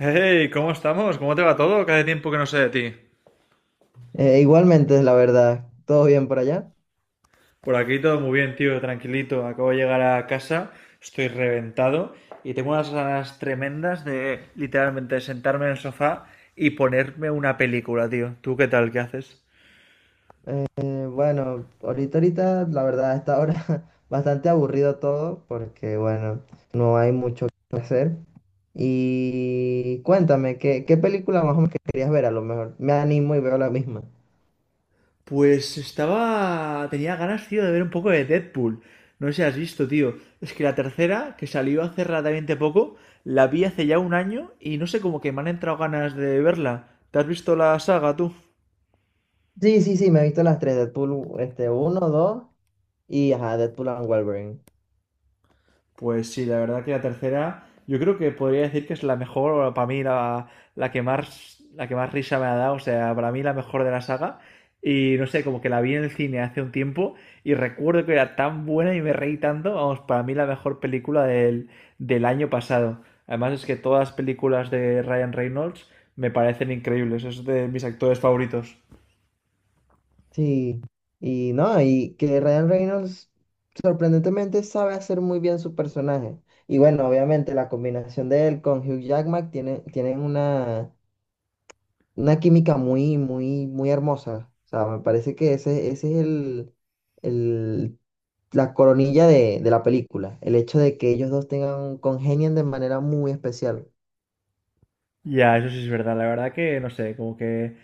Hey, ¿cómo estamos? ¿Cómo te va todo? Cada tiempo que no sé de ti. Igualmente, la verdad, todo bien por allá. Por aquí todo muy bien, tío, tranquilito. Acabo de llegar a casa, estoy reventado y tengo unas ganas tremendas de literalmente sentarme en el sofá y ponerme una película, tío. ¿Tú qué tal? ¿Qué haces? Bueno, ahorita, la verdad, a esta hora bastante aburrido todo porque, bueno, no hay mucho que hacer. Y cuéntame, ¿qué película más o menos que querías ver? A lo mejor me animo y veo la misma. Pues estaba... Tenía ganas, tío, de ver un poco de Deadpool. No sé si has visto, tío. Es que la tercera, que salió hace relativamente poco, la vi hace ya un año y no sé, como que me han entrado ganas de verla. ¿Te has visto la saga, tú? Sí, sí, sí, me he visto las tres, Deadpool, este, uno, dos y, ajá, Deadpool and Wolverine. Pues sí, la verdad que la tercera, yo creo que podría decir que es la mejor, o para mí la que más, la que más risa me ha dado, o sea, para mí la mejor de la saga. Y no sé, como que la vi en el cine hace un tiempo y recuerdo que era tan buena y me reí tanto, vamos, para mí la mejor película del año pasado. Además es que todas las películas de Ryan Reynolds me parecen increíbles, es de mis actores favoritos. Sí, y no, y que Ryan Reynolds sorprendentemente sabe hacer muy bien su personaje. Y bueno, obviamente la combinación de él con Hugh Jackman tienen una química muy, muy, muy hermosa. O sea, me parece que ese es el- la coronilla de la película, el hecho de que ellos dos tengan, congenien de manera muy especial. Ya, eso sí es verdad, la verdad que no sé, como que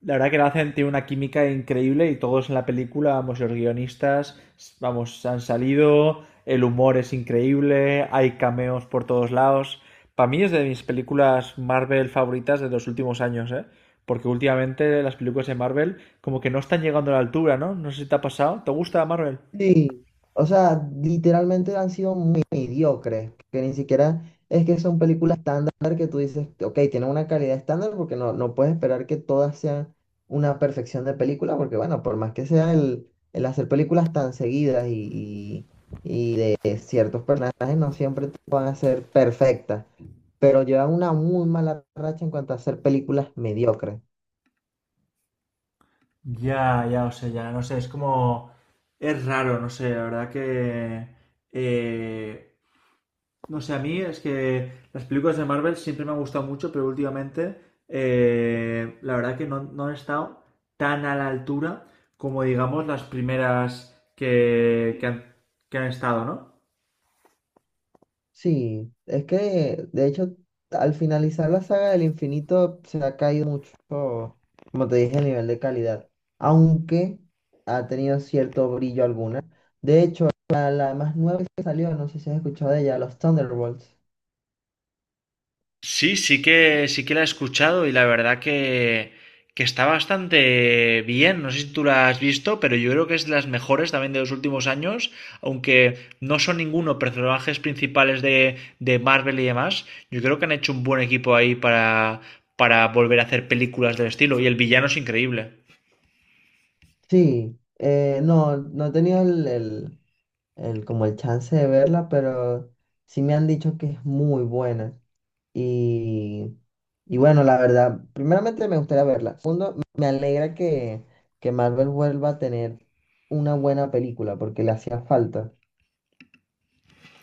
la verdad que lo hacen, tiene una química increíble y todos en la película, vamos, los guionistas, vamos, han salido, el humor es increíble, hay cameos por todos lados. Para mí es de mis películas Marvel favoritas de los últimos años, ¿eh? Porque últimamente las películas de Marvel como que no están llegando a la altura, ¿no? No sé si te ha pasado. ¿Te gusta Marvel? Sí, o sea, literalmente han sido muy mediocres, que ni siquiera es que son películas estándar que tú dices, ok, tienen una calidad estándar porque no puedes esperar que todas sean una perfección de película, porque bueno, por más que sea el hacer películas tan seguidas y de ciertos personajes, no siempre te van a ser perfectas, pero llevan una muy mala racha en cuanto a hacer películas mediocres. Ya, ya, o sea, ya, no sé, es como... Es raro, no sé, la verdad que... eh, no sé, a mí es que las películas de Marvel siempre me han gustado mucho, pero últimamente la verdad que no han estado tan a la altura como digamos las primeras que han, que han estado, ¿no? Sí, es que de hecho al finalizar la saga del infinito se ha caído mucho, como te dije, el nivel de calidad, aunque ha tenido cierto brillo alguna. De hecho, la más nueva que salió, no sé si has escuchado de ella, los Thunderbolts. Sí, sí que la he escuchado y la verdad que está bastante bien. No sé si tú la has visto, pero yo creo que es de las mejores también de los últimos años, aunque no son ninguno personajes principales de Marvel y demás. Yo creo que han hecho un buen equipo ahí para volver a hacer películas del estilo y el villano es increíble. Sí, no, no he tenido como el chance de verla, pero sí me han dicho que es muy buena. Y, y bueno, la verdad, primeramente me gustaría verla. Segundo, me alegra que Marvel vuelva a tener una buena película porque le hacía falta.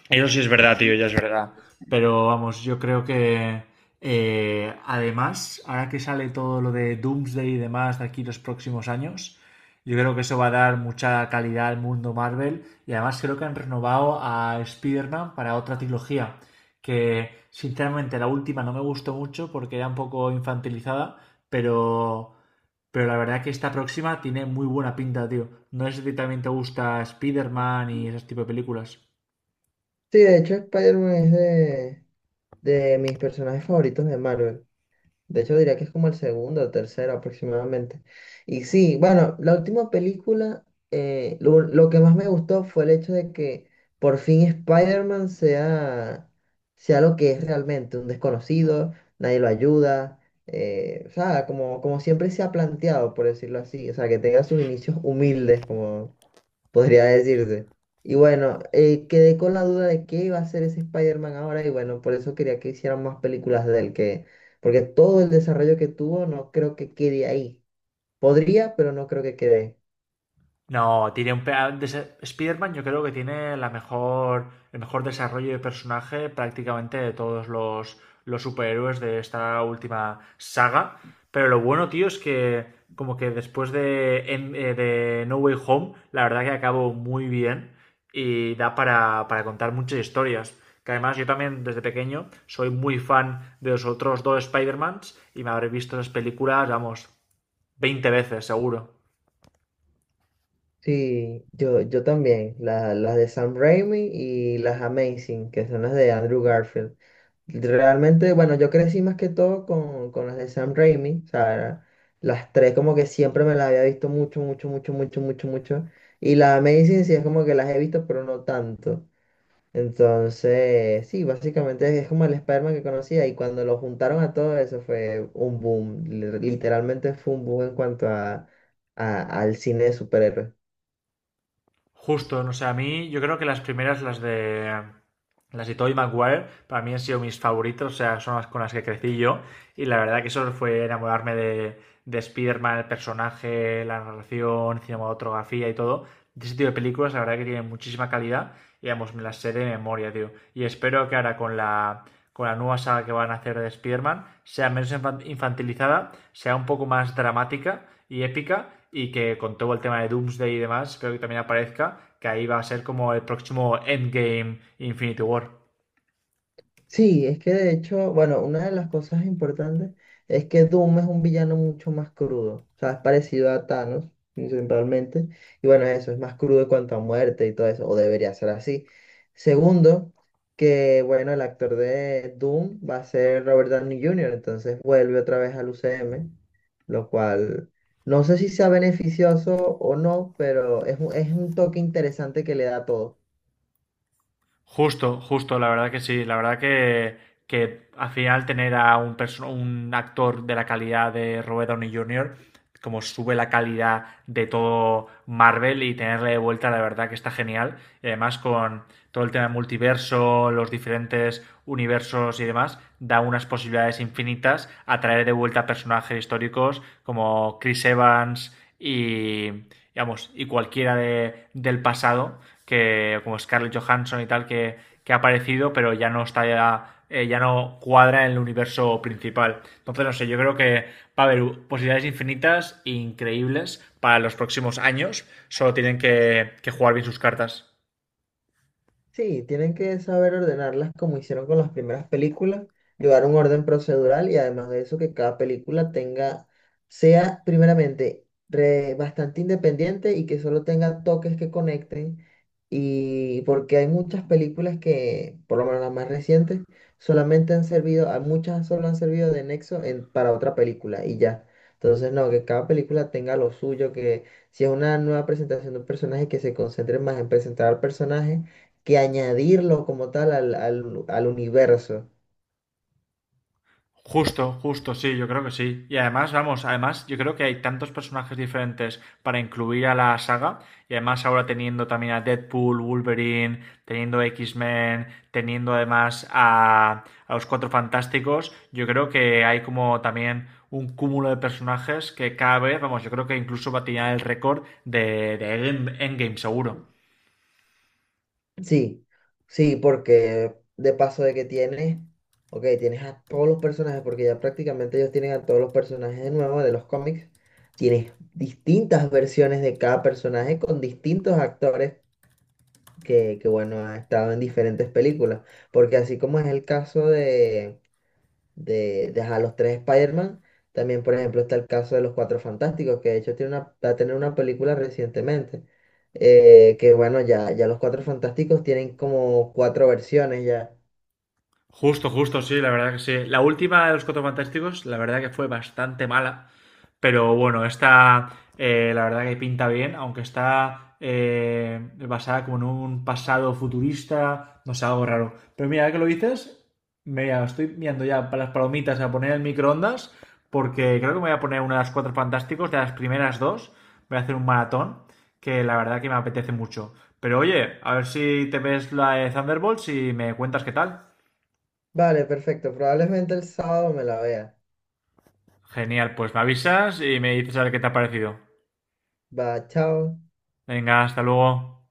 Eso sí es verdad, tío, ya es verdad. Pero vamos, yo creo que además, ahora que sale todo lo de Doomsday y demás de aquí los próximos años, yo creo que eso va a dar mucha calidad al mundo Marvel. Y además creo que han renovado a Spider-Man para otra trilogía, que sinceramente la última no me gustó mucho porque era un poco infantilizada, pero, pero la verdad que esta próxima tiene muy buena pinta, tío. No sé si a ti también te gusta Spider-Man Sí, y ese tipo de películas. de hecho, Spider-Man es de mis personajes favoritos de Marvel. De hecho, diría que es como el segundo o tercero aproximadamente. Y sí, bueno, la última película, lo que más me gustó fue el hecho de que por fin Spider-Man sea lo que es realmente, un desconocido, nadie lo ayuda, o sea, como siempre se ha planteado, por decirlo así, o sea, que tenga sus inicios humildes, podría decirse. Y bueno, quedé con la duda de qué iba a hacer ese Spider-Man ahora y bueno, por eso quería que hicieran más películas de él, porque todo el desarrollo que tuvo no creo que quede ahí. Podría, pero no creo que quede. No, tiene un... Spider-Man yo creo que tiene la mejor, el mejor desarrollo de personaje prácticamente de todos los superhéroes de esta última saga. Pero lo bueno, tío, es que como que después de, de No Way Home, la verdad que acabó muy bien y da para contar muchas historias. Que además yo también desde pequeño soy muy fan de los otros dos Spider-Mans y me habré visto esas películas, vamos, 20 veces seguro. Sí, yo también, las de Sam Raimi y las Amazing, que son las de Andrew Garfield. Realmente, bueno, yo crecí más que todo con las de Sam Raimi, o sea, las tres como que siempre me las había visto mucho, mucho, mucho, mucho, mucho, mucho. Y las Amazing sí es como que las he visto, pero no tanto. Entonces, sí, básicamente es como el Spider-Man que conocía y cuando lo juntaron a todo eso fue un boom. Literalmente fue un boom en cuanto a, al cine de superhéroes. Justo, no sé, a mí yo creo que las primeras, las de Tobey Maguire, para mí han sido mis favoritos, o sea, son las con las que crecí yo y la verdad que eso fue enamorarme de Spider-Man, el personaje, la narración, cinematografía y todo. De ese tipo de películas, la verdad que tienen muchísima calidad y, vamos, me las sé de memoria, tío. Y espero que ahora con la nueva saga que van a hacer de Spider-Man, sea menos infantilizada, sea un poco más dramática y épica, y que con todo el tema de Doomsday y demás, creo que también aparezca, que ahí va a ser como el próximo Endgame Infinity War. Sí, es que de hecho, bueno, una de las cosas importantes es que Doom es un villano mucho más crudo, o sea, es parecido a Thanos principalmente, y bueno, eso es más crudo en cuanto a muerte y todo eso, o debería ser así. Segundo, que bueno, el actor de Doom va a ser Robert Downey Jr., entonces vuelve otra vez al UCM, lo cual no sé si sea beneficioso o no, pero es un toque interesante que le da a todo. Justo, justo, la verdad que sí. La verdad que al final tener a un, un actor de la calidad de Robert Downey Jr., como sube la calidad de todo Marvel y tenerle de vuelta, la verdad que está genial. Y además con todo el tema del multiverso, los diferentes universos y demás, da unas posibilidades infinitas a traer de vuelta personajes históricos como Chris Evans y digamos, y cualquiera de, del pasado, que, como Scarlett Johansson y tal, que ha aparecido, pero ya no está ya, ya no cuadra en el universo principal. Entonces, no sé, yo creo que va a haber posibilidades infinitas, e increíbles, para los próximos años. Solo tienen que jugar bien sus cartas. Sí, tienen que saber ordenarlas como hicieron con las primeras películas, llevar un orden procedural y además de eso que cada película tenga, sea primeramente bastante independiente y que solo tenga toques que conecten y porque hay muchas películas que, por lo menos las más recientes, solamente han servido, a muchas solo han servido de nexo para otra película y ya. Entonces, no, que cada película tenga lo suyo, que si es una nueva presentación de un personaje, que se concentre más en presentar al personaje que añadirlo como tal al, al, al universo. Justo, justo, sí, yo creo que sí. Y además, vamos, además yo creo que hay tantos personajes diferentes para incluir a la saga. Y además ahora teniendo también a Deadpool, Wolverine, teniendo X-Men, teniendo además a los Cuatro Fantásticos, yo creo que hay como también un cúmulo de personajes que cada vez, vamos, yo creo que incluso va a tirar el récord de Endgame, seguro. Sí, sí, porque de paso de que tienes, ok, tienes a todos los personajes, porque ya prácticamente ellos tienen a todos los personajes de nuevo de los cómics, tienes distintas versiones de cada personaje con distintos actores que bueno, han estado en diferentes películas, porque así como es el caso de ajá, los tres Spider-Man. También, por ejemplo, está el caso de los Cuatro Fantásticos, que de hecho tiene una, va a tener una película recientemente. Que bueno, ya los Cuatro Fantásticos tienen como cuatro versiones ya. Justo, justo, sí, la verdad que sí. La última de los Cuatro Fantásticos, la verdad que fue bastante mala. Pero bueno, esta la verdad que pinta bien, aunque está basada como en un pasado futurista, no sé, algo raro. Pero mira, ahora que lo dices, me estoy mirando ya para las palomitas a poner en el microondas, porque creo que me voy a poner una de las Cuatro Fantásticos, de las primeras dos. Voy a hacer un maratón, que la verdad que me apetece mucho. Pero oye, a ver si te ves la de Thunderbolts y me cuentas qué tal. Vale, perfecto. Probablemente el sábado me la vea. Genial, pues me avisas y me dices a ver qué te ha parecido. Va, chao. Venga, hasta luego.